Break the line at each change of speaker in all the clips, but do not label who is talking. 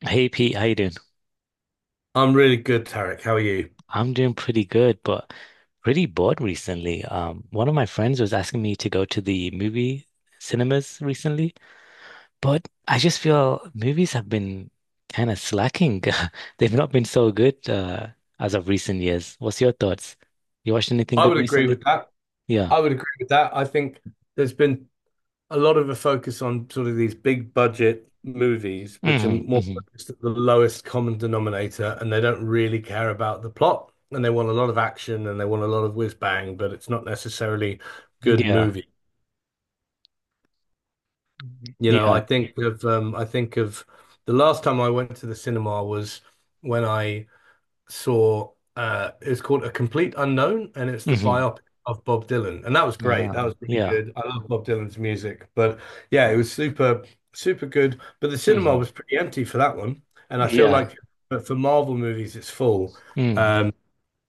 Hey Pete, how you doing?
I'm really good, Tarek. How are you?
I'm doing pretty good, but pretty bored recently. One of my friends was asking me to go to the movie cinemas recently, but I just feel movies have been kind of slacking. They've not been so good as of recent years. What's your thoughts? You watched anything
I
good
would agree with
recently?
that.
Yeah.
I would agree with that. I think there's been a lot of a focus on sort of these big budget movies, which are
Hmm,
more
hmm.
focused at the lowest common denominator, and they don't really care about the plot, and they want a lot of action and they want a lot of whiz bang, but it's not necessarily good
Yeah.
movie.
Mhm.
You know,
Yeah.
I think of the last time I went to the cinema was when I saw it's called A Complete Unknown, and it's the
Hmm.
biopic of Bob Dylan. And that was great.
Ah,
That was really
yeah.
good. I love Bob Dylan's music. But yeah, it was super, super good. But the cinema
Hmm.
was pretty empty for that one. And I feel
Yeah.
like but for Marvel movies it's full.
Mm.
Um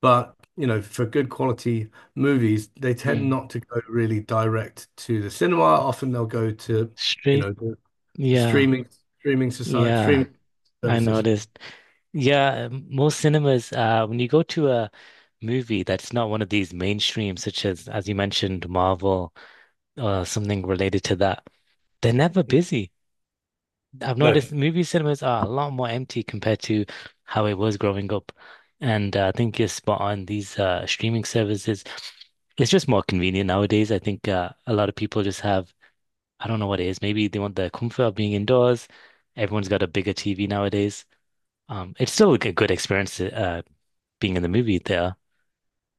but you know for good quality movies they tend
Mm.
not to go really direct to the cinema. Often they'll go to you
Straight.
know the
Yeah.
streaming streaming society
Yeah.
streaming
I
services.
noticed. Yeah, most cinemas, when you go to a movie that's not one of these mainstream, such as you mentioned, Marvel or something related to that, they're never busy. I've
No.
noticed movie cinemas are a lot more empty compared to how it was growing up. And I think you're spot on. These streaming services, it's just more convenient nowadays. I think a lot of people just have, I don't know what it is. Maybe they want the comfort of being indoors. Everyone's got a bigger TV nowadays. It's still a good experience, to being in the movie there.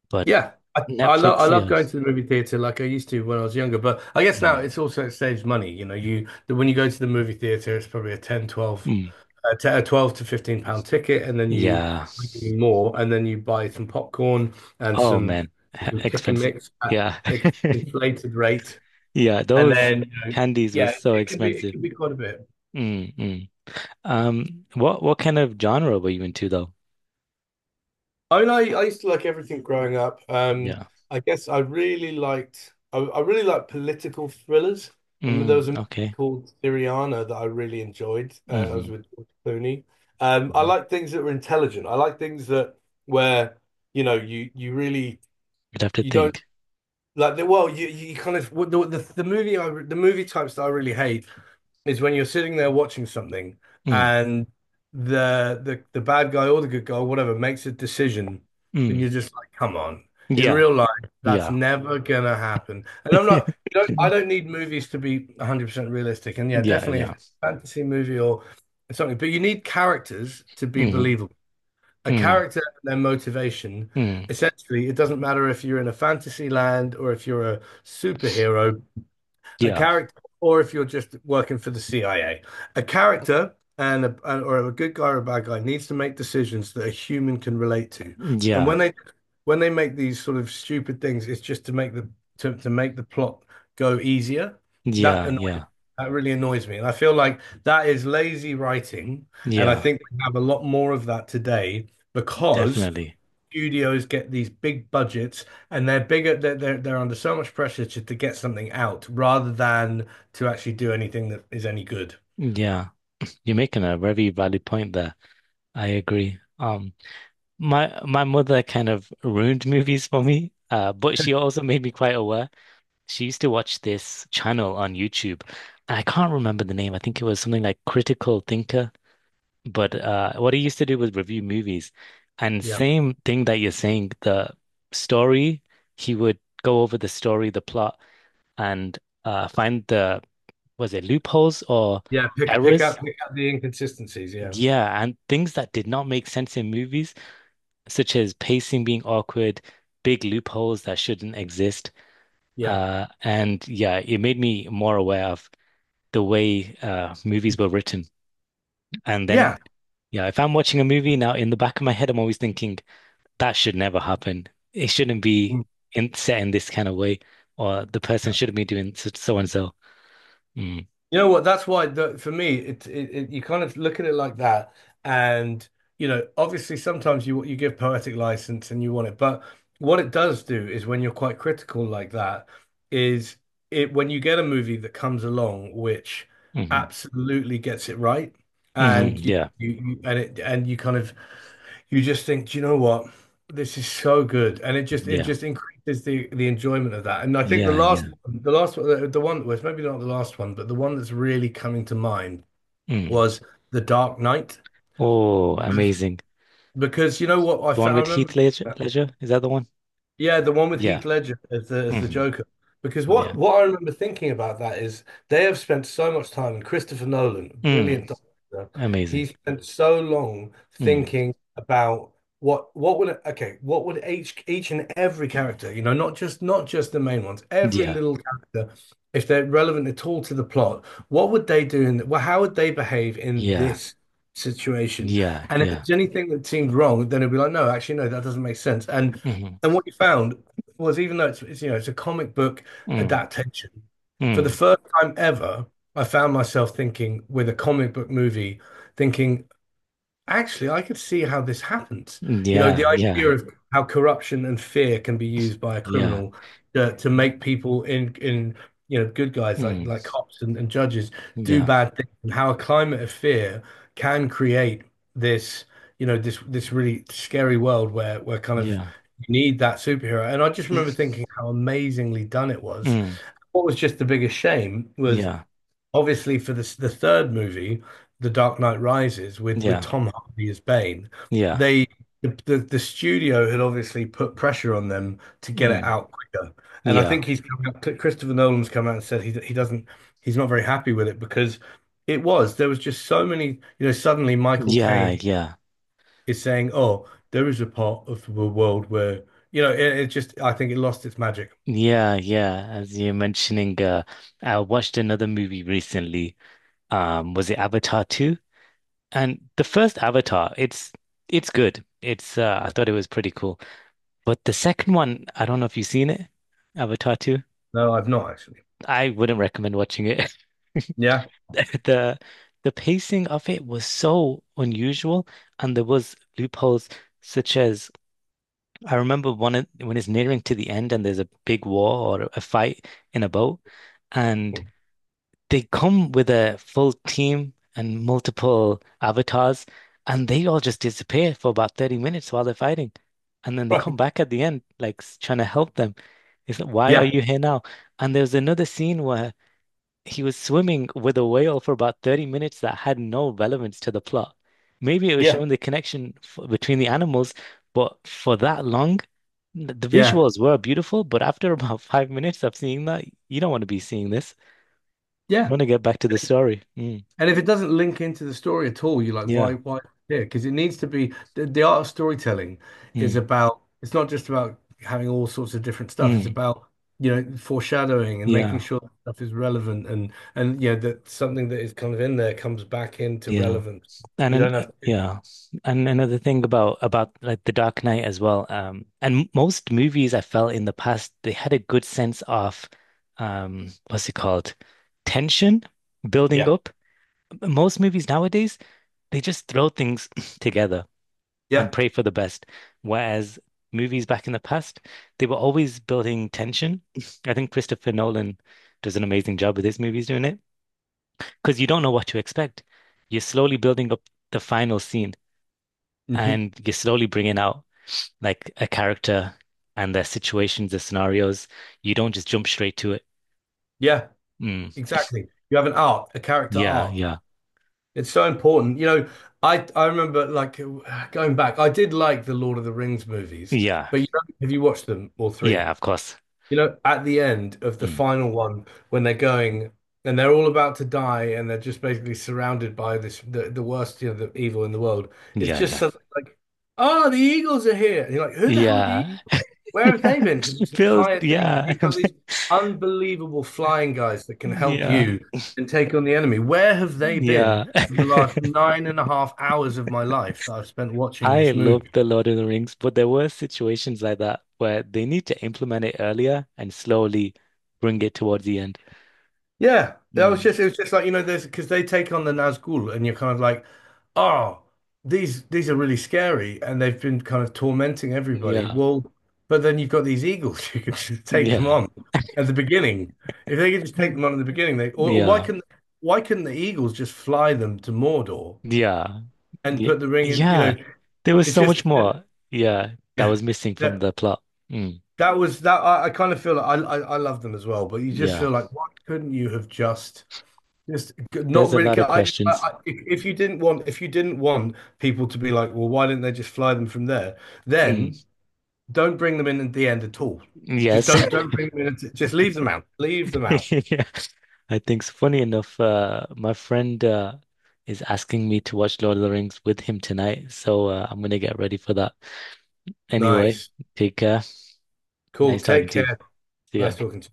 But
Yeah, I
Netflix,
love
yeah.
going to the movie theater like I used to when I was younger, but I guess now
Mm.
it's also it saves money. You know, when you go to the movie theater, it's probably
Mm.
a 10 a 12 to £15 ticket, and then you
Yeah.
pay more, and then you buy some popcorn and
Oh
some
man, H-
you pick and
expensive.
mix at
Yeah.
inflated rate,
Yeah,
and
those
then you know,
candies were
yeah,
so
it can be it
expensive.
can be quite a bit.
Mm, mm. What kind of genre were you into though?
I mean, I used to like everything growing up.
Yeah.
I guess I really liked political thrillers. I mean, there was
Mm,
a movie
okay.
called Syriana that I really enjoyed. I was
Hmm.
with George Clooney. I
Hmm.
like things that were intelligent. I like things that where you know you really
You'd have to
you don't
think.
like the well you kind of what the movie types that I really hate is when you're sitting there watching something
Mm,
and the bad guy or the good guy, or whatever, makes a decision and
mm.
you're just like, come on. In
Yeah.
real life, that's
Yeah.
never gonna happen. And I'm not, you don't, I don't need movies to be 100% realistic. And yeah,
Yeah,
definitely if
yeah.
it's a fantasy movie or something, but you need characters to be
Mm,
believable. A
mm,
character and their motivation,
mm.
essentially, it doesn't matter if you're in a fantasy land or if you're a superhero, a
Yeah.
character, or if you're just working for the CIA, a character and a, and- or a good guy or a bad guy needs to make decisions that a human can relate to. And
Yeah.
when they make these sort of stupid things, it's just to make the plot go easier. That
Yeah,
annoys
yeah.
that really annoys me. And I feel like that is lazy writing. And I
Yeah.
think we have a lot more of that today because
Definitely.
studios get these big budgets and they're bigger they're under so much pressure to get something out rather than to actually do anything that is any good.
Yeah. You're making a very valid point there. I agree. My mother kind of ruined movies for me, but she also made me quite aware. She used to watch this channel on YouTube. I can't remember the name. I think it was something like Critical Thinker. But what he used to do was review movies, and
Yeah,
same thing that you're saying. The story, he would go over the story, the plot, and find the, was it loopholes or
yeah, pick pick
errors?
up pick up the inconsistencies, yeah.
Yeah, and things that did not make sense in movies, such as pacing being awkward, big loopholes that shouldn't exist.
Yeah,
And yeah, it made me more aware of the way movies were written. And
yeah.
then, yeah, if I'm watching a movie now, in the back of my head, I'm always thinking that should never happen. It shouldn't be
Mm.
in, set in this kind of way, or the person shouldn't be doing so, so and so. Mm.
You know what? That's why the, for me, it you kind of look at it like that, and you know, obviously, sometimes you give poetic license and you want it, but what it does do is when you're quite critical like that, is it when you get a movie that comes along which
Hmm.
absolutely gets it right,
Hmm.
and you,
Yeah,
you, you and it and you kind of you just think, do you know what? This is so good, and it just it
yeah,
just increases the enjoyment of that. And I think the
yeah,
last
yeah.
the last one, the one that was maybe not the last one, but the one that's really coming to mind
Mm.
was The Dark Knight
Oh, amazing.
because you know what I
The one
found. I
with Heath
remember.
Ledger, Ledger? Is that the one?
Yeah, the one with
Yeah.
Heath Ledger as the
Hmm.
Joker. Because what
Yeah.
what I remember thinking about that is they have spent so much time, and Christopher Nolan,
Mm.
brilliant director, he
Amazing.
spent so long
Mm.
thinking about what what would each and every character, you know, not just the main ones, every
Yeah.
little character, if they're relevant at all to the plot, what would they do in well, how would they behave in
Yeah.
this situation?
Yeah.
And if
Yeah.
there's anything that seemed wrong, then it'd be like, no, actually, no, that doesn't make sense. And
Hmm.
and what you found was, even though it's you know it's a comic book
Mm.
adaptation, for the
Mm.
first time ever, I found myself thinking with a comic book movie, thinking actually, I could see how this happens. You know, the
Yeah.
idea
Yeah.
of how corruption and fear can be used by a
Yeah.
criminal to
Y-
make people in good guys like
Mm.
cops and judges do
Yeah.
bad things, and how a climate of fear can create this you know this this really scary world where kind of
Yeah.
you need that superhero. And I just remember thinking how amazingly done it was.
Mm.
What was just the biggest shame was
Yeah.
obviously for this, the third movie, The Dark Knight Rises, with
Yeah.
Tom Hardy as Bane,
Yeah.
they the studio had obviously put pressure on them to get it
Mm.
out quicker. And I
Yeah.
think he's come out, Christopher Nolan's come out and said he doesn't, he's not very happy with it because it was there was just so many, you know, suddenly Michael
Yeah,
Caine
yeah.
is saying, "Oh, there is a part of the world where, you know, it just I think it lost its magic."
Yeah, yeah. As you're mentioning, I watched another movie recently. Was it Avatar 2? And the first Avatar, it's good. It's I thought it was pretty cool. But the second one, I don't know if you've seen it, Avatar 2.
No, I've not actually.
I wouldn't recommend watching it.
Yeah.
The the pacing of it was so unusual, and there was loopholes such as I remember one of- when it's nearing to the end and there's a big war or a fight in a boat, and they come with a full team and multiple avatars, and they all just disappear for about 30 minutes while they're fighting. And then they come
Right.
back at the end, like s- trying to help them. It's like, why are
Yeah.
you here now? And there's another scene where he was swimming with a whale for about 30 minutes that had no relevance to the plot. Maybe it was
Yeah.
showing the connection f between the animals, but for that long, th- the
Yeah.
visuals were beautiful. But after about 5 minutes of seeing that, you don't want to be seeing this,
Yeah.
want to get back to the story. Mm,
And if it doesn't link into the story at all, you're like,
yeah.
why here? Because it needs to be the art of storytelling is
Mm,
about, it's not just about having all sorts of different stuff. It's
mm,
about, you know, foreshadowing and making
yeah.
sure that stuff is relevant and, yeah that something that is kind of in there comes back into
Yeah.
relevance.
And
You
then,
don't have to.
yeah. And another thing about like The Dark Knight as well. And most movies I felt in the past, they had a good sense of what's it called? Tension building
Yeah.
up. Most movies nowadays, they just throw things together and
Yeah.
pray for the best. Whereas movies back in the past, they were always building tension. I think Christopher Nolan does an amazing job with his movies doing it, because you don't know what to expect. You're slowly building up the final scene
Hmm.
and you're slowly bringing out like a character and their situations, their scenarios. You don't just jump straight to it.
Yeah.
Mm.
Exactly. You have an arc, a character
Yeah,
arc.
yeah,
It's so important. You know, I remember like going back, I did like the Lord of the Rings movies,
yeah,
but you know, have you watched them all
yeah,
three?
of course.
You know, at the end of the
Mm.
final one, when they're going and they're all about to die and they're just basically surrounded by the worst, you know, the evil in the world. It's
Yeah,
just
yeah,
suddenly like, oh, the eagles are here. And you're like, who the hell are the
yeah,
where have
yeah.
they been for this
Build,
entire thing? If
yeah,
you've got these unbelievable flying guys that can help
yeah,
you and take on the enemy. Where have they been
yeah.
for the last 9.5 hours of my life that I've spent watching
I
this
love
movie?
the Lord of the Rings, but there were situations like that where they need to implement it earlier and slowly bring it towards the end.
Yeah, that was
Mm.
just it was just like you know there's because they take on the Nazgul and you're kind of like, oh, these are really scary and they've been kind of tormenting everybody.
Yeah,
Well, but then you've got these eagles you can just take them
yeah,
on at the beginning. If they could just take them on at the beginning, they or why
yeah,
can why couldn't the eagles just fly them to Mordor
yeah,
and
yeah,
put the ring in? You
yeah.
know,
There was
it
so
just
much more. Yeah, that
yeah,
was missing from
that
the plot. Mm,
that was that I kind of feel like I love them as well, but you just
yeah,
feel like why couldn't you have just. Not
there's a
really.
lot of questions.
I, if you didn't want, if you didn't want, people to be like, well, why didn't they just fly them from there? Then
Mm,
don't bring them in at the end at all. Just
yes.
don't bring them in. Just leave them out. Leave them out.
Yeah. I think, so. Funny enough, my friend is asking me to watch Lord of the Rings with him tonight, so I'm gonna get ready for that. Anyway,
Nice.
take care.
Cool.
Nice talking
Take
to you.
care.
See ya.
Nice talking to you. Bye.